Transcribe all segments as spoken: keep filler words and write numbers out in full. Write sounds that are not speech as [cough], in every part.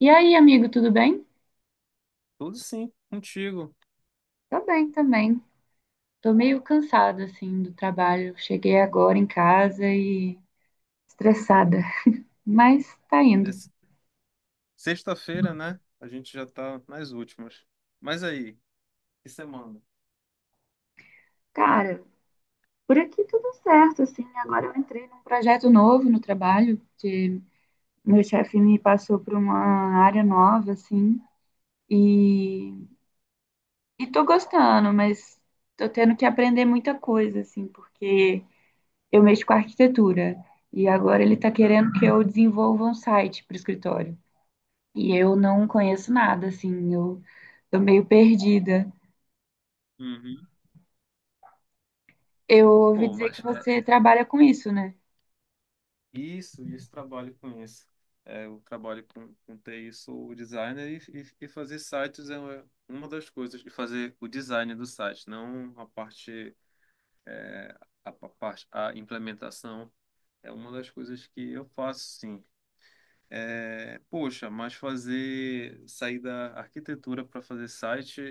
E aí, amigo, tudo bem? Tudo sim, contigo. Tô bem também. Tô meio cansada, assim, do trabalho. Cheguei agora em casa e... estressada. Mas tá É indo. s- Sexta-feira, né? A gente já tá nas últimas. Mas aí, que semana? Cara, por aqui tudo certo, assim. Agora eu entrei num projeto novo no trabalho, que meu chefe me passou para uma área nova, assim, e... e tô gostando, mas tô tendo que aprender muita coisa, assim, porque eu mexo com arquitetura e agora ele tá querendo Uhum. que eu desenvolva um site para o escritório. E eu não conheço nada, assim, eu tô meio perdida. Uhum. Eu ouvi Pô, dizer que mas é você trabalha com isso, né? isso, isso trabalho com isso. É, eu trabalho com, com T I, sou o designer e, e, e fazer sites é uma uma das coisas, e fazer o design do site, não a parte, a, pa- parte, a implementação, é uma das coisas que eu faço, sim. É, Poxa, mas fazer sair da arquitetura para fazer site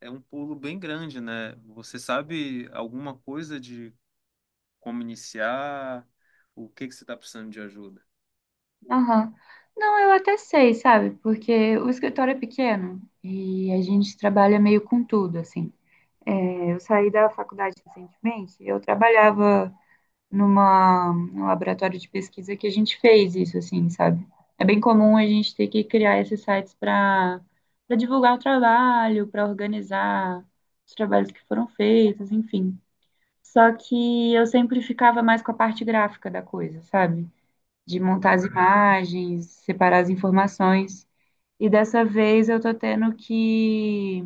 é um pulo bem grande, né? Você sabe alguma coisa de como iniciar? O que que você está precisando de ajuda? Aham. Não, eu até sei, sabe? Porque o escritório é pequeno e a gente trabalha meio com tudo, assim. É, eu saí da faculdade recentemente, eu trabalhava. Numa, num laboratório de pesquisa que a gente fez isso, assim, sabe? É bem comum a gente ter que criar esses sites para para divulgar o trabalho, para organizar os trabalhos que foram feitos, enfim. Só que eu sempre ficava mais com a parte gráfica da coisa, sabe? De montar as Aham. imagens, separar as informações. E dessa vez eu tô tendo que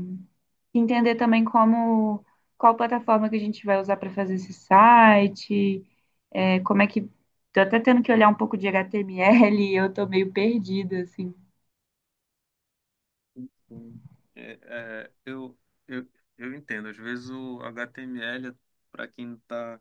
entender também como qual plataforma que a gente vai usar para fazer esse site, é, como é que. Tô até tendo que olhar um pouco de H T M L, eu tô meio perdida, assim. Sim. É, é, eu, eu, eu entendo. Às vezes o H T M L, para quem está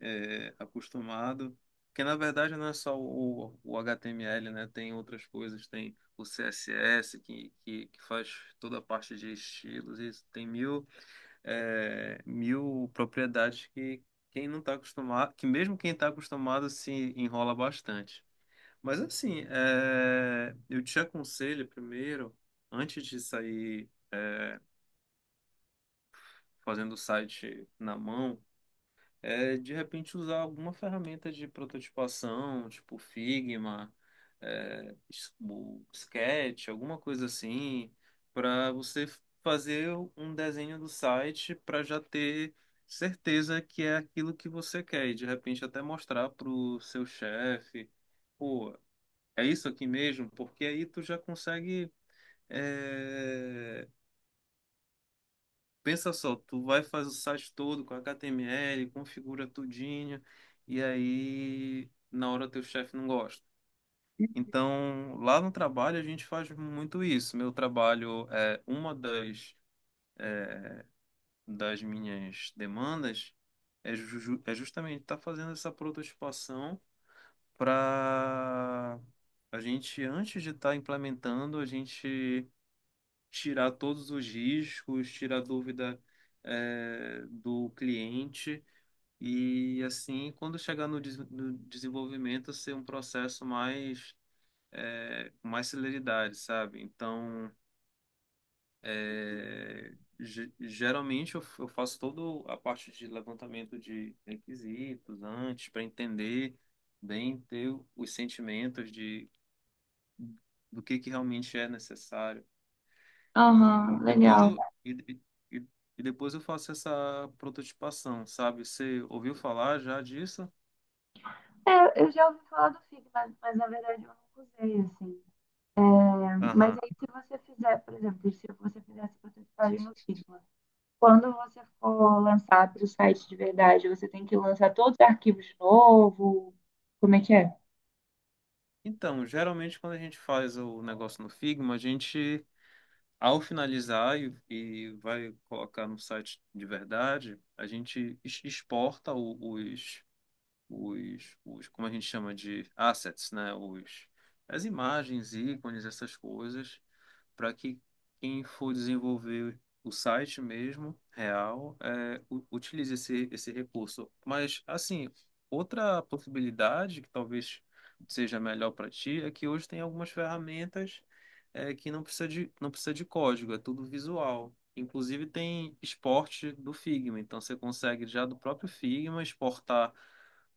é, acostumado. Porque na verdade não é só o, o H T M L, né? Tem outras coisas, tem o C S S que, que, que faz toda a parte de estilos, e tem mil, é, mil propriedades que quem não está acostumado, que mesmo quem está acostumado se enrola bastante. Mas assim, é, eu te aconselho primeiro, antes de sair fazendo o site na mão, é de repente usar alguma ferramenta de prototipação, tipo Figma, é, S- o Sketch, alguma coisa assim, para você fazer um desenho do site para já ter certeza que é aquilo que você quer e de repente até mostrar para o seu chefe, pô, é isso aqui mesmo, porque aí tu já consegue é, Pensa só, tu vai fazer o site todo com H T M L, configura tudinho, e aí na hora teu chefe não gosta. Então, lá no trabalho a gente faz muito isso. Meu trabalho é uma das, das minhas demandas é, ju- é justamente estar fazendo essa prototipação para a gente, antes de estar implementando, a gente tirar todos os riscos, tirar a dúvida, eh, do cliente. E assim, quando chegar no, des- no desenvolvimento, ser um processo mais, é, com mais celeridade, sabe? Então, é, ge- geralmente eu, f- eu faço toda a parte de levantamento de requisitos antes, para entender bem, ter o- os sentimentos de, do que, que realmente é necessário. Aham, E depois legal. eu, e, e, e e depois eu faço essa prototipação, sabe? Você ouviu falar já disso? É, eu já ouvi falar do Figma, mas, na verdade eu nunca usei, assim, né? Mas Aham. aí se você fizer, por exemplo, se você fizesse prototipagem no Figma, quando você for lançar para o site de verdade, você tem que lançar todos os arquivos de novo? Como é que é? Então, geralmente quando a gente faz o negócio no Figma, a gente, ao finalizar e, e vai colocar no site de verdade, a gente ex- exporta o- os, os, os, como a gente chama de assets, né? Os, as imagens, ícones, essas coisas, para que quem for desenvolver o site mesmo, real, é, u- utilize esse, esse recurso. Mas, assim, outra possibilidade que talvez seja melhor para ti é que hoje tem algumas ferramentas é, que não precisa de, não precisa de código, é tudo visual. Inclusive tem exporte do Figma, então você consegue já do próprio Figma exportar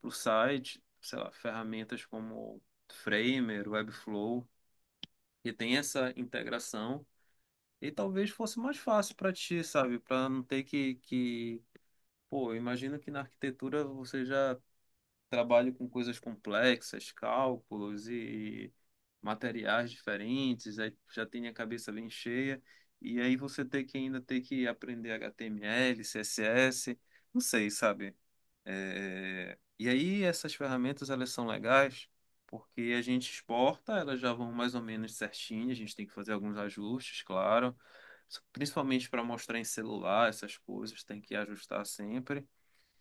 para o site, sei lá, ferramentas como Framer, Webflow, que tem essa integração e talvez fosse mais fácil para ti, sabe? Para não ter que, que... Pô, eu imagino que na arquitetura você já trabalha com coisas complexas, cálculos e materiais diferentes, aí já tem a cabeça bem cheia, e aí você tem que ainda ter que aprender H T M L, C S S, não sei, sabe? É, E aí essas ferramentas elas são legais porque a gente exporta, elas já vão mais ou menos certinho, a gente tem que fazer alguns ajustes, claro, principalmente para mostrar em celular, essas coisas tem que ajustar sempre.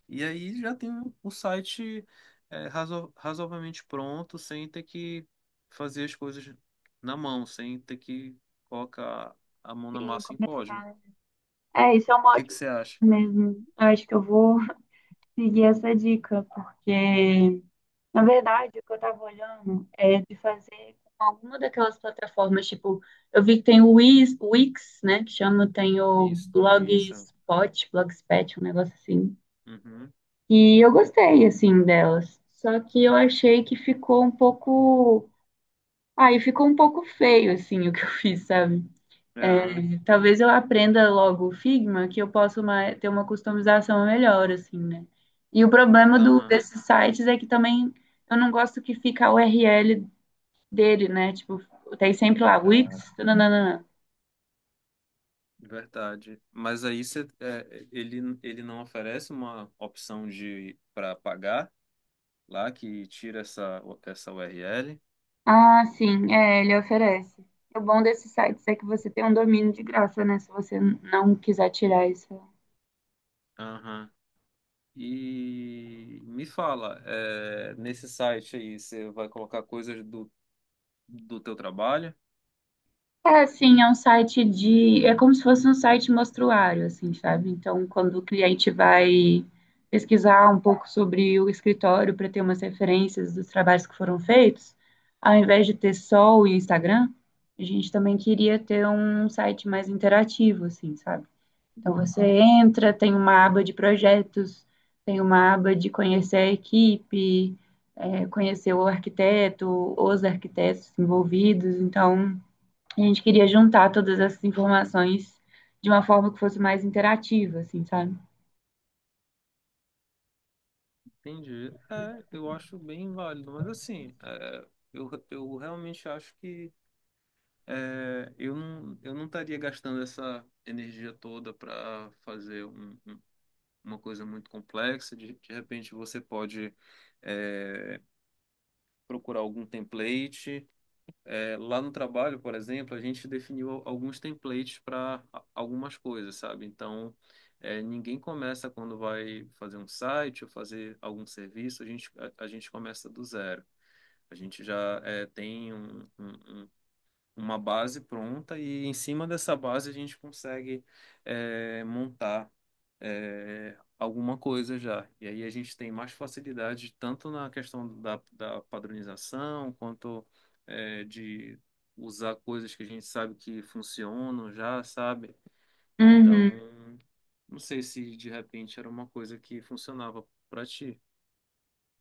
E aí já tem um, um site é, razo- razoavelmente pronto, sem ter que fazer as coisas na mão, sem ter que colocar a mão na Sim, massa em código. começar. O É, isso é uma que que ótima você dica acha? mesmo. Eu acho que eu vou [laughs] seguir essa dica, porque, na verdade, o que eu tava olhando é de fazer com alguma daquelas plataformas, tipo, eu vi que tem o Wix, Wix, né, que chama, tem o Isso, isso. Blogspot, Blogspot, um negócio assim. Uhum. E eu gostei, assim, delas. Só que eu achei que ficou um pouco... Aí ficou um pouco feio, assim, [laughs] o que eu fiz, sabe? Aham. É, talvez eu aprenda logo o Figma, que eu posso ma- ter uma customização melhor, assim, né? E o problema do, Aham. desses sites é que também eu não gosto que fica a U R L dele, né? Tipo, tem sempre lá, Dá. Wix, nananana. Verdade. Mas aí você, é, ele, ele não oferece uma opção de para pagar lá que tira essa, essa U R L. Ah, sim, é, ele oferece. O bom desses sites é que você tem um domínio de graça, né? Se você não quiser tirar isso. Aham. E me fala, é, nesse site aí você vai colocar coisas do, do teu trabalho? É, assim, é um site de. É como se fosse um site mostruário, assim, sabe? Então, quando o cliente vai pesquisar um pouco sobre o escritório para ter umas referências dos trabalhos que foram feitos, ao invés de ter só o Instagram, a gente também queria ter um site mais interativo, assim, sabe? Então, você entra, tem uma aba de projetos, tem uma aba de conhecer a equipe, é, conhecer o arquiteto, os arquitetos envolvidos. Então, a gente queria juntar todas essas informações de uma forma que fosse mais interativa, assim, sabe? Entendi. É, eu acho bem válido, mas assim, é, eu, eu realmente acho que é, eu não, eu não estaria gastando essa energia toda para fazer um uma coisa muito complexa, de, de repente você pode é, procurar algum template. É, lá no trabalho, por exemplo, a gente definiu al- alguns templates para algumas coisas, sabe? Então, é, ninguém começa quando vai fazer um site ou fazer algum serviço, a gente, a, a gente começa do zero. A gente já é, tem um, um um uma base pronta e em cima dessa base a gente consegue é, montar é, alguma coisa já. E aí a gente tem mais facilidade tanto na questão da, da padronização quanto é, de usar coisas que a gente sabe que funcionam já, sabe? Uhum. Então, não sei se de repente era uma coisa que funcionava para ti.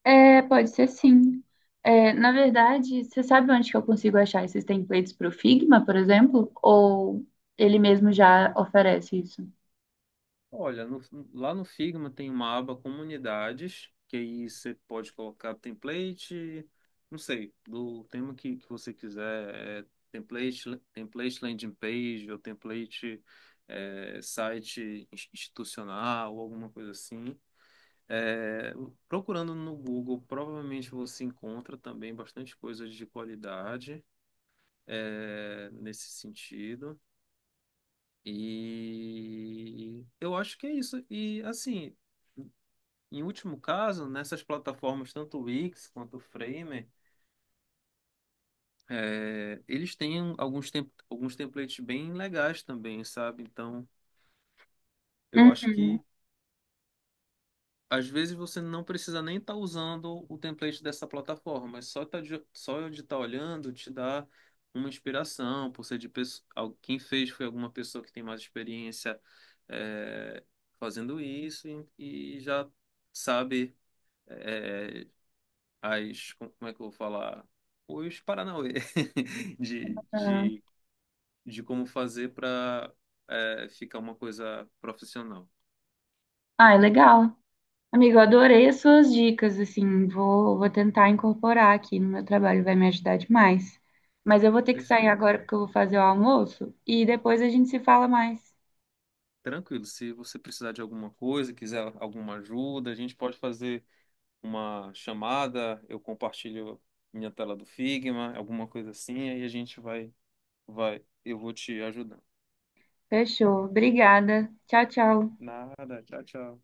É, pode ser sim. É, na verdade, você sabe onde que eu consigo achar esses templates para o Figma, por exemplo? Ou ele mesmo já oferece isso? Olha, no- lá no Figma tem uma aba comunidades, que aí você pode colocar template, não sei, do tema que, que você quiser, é template, template landing page ou template é, site ins- institucional ou alguma coisa assim. É, procurando no Google, provavelmente você encontra também bastante coisas de qualidade é, nesse sentido. E eu acho que é isso. E assim. Em último caso, nessas plataformas, tanto o Wix quanto o Framer, é, eles têm alguns, tem- alguns templates bem legais também, sabe? Então, eu acho Uhum. que às vezes você não precisa nem estar usando o template dessa plataforma, mas só, tá de, só de estar olhando te dá uma inspiração, por ser de pesso- al- quem fez foi alguma pessoa que tem mais experiência é, fazendo isso e, e já sabe é, as, como é que eu vou falar? Os Paranauê [laughs] de, Tá. de, de como fazer para ficar uma coisa profissional. Ah, é legal. Amigo, eu adorei as suas dicas, assim, vou, vou tentar incorporar aqui no meu trabalho, vai me ajudar demais. Mas eu vou ter que sair Perfeito. agora porque eu vou fazer o almoço e depois a gente se fala mais. Tranquilo, se você precisar de alguma coisa, quiser alguma ajuda, a gente pode fazer uma chamada, eu compartilho minha tela do Figma, alguma coisa assim, aí a gente vai, vai, eu vou te ajudando. Fechou. Obrigada. Tchau, tchau. Nada, tchau, tchau.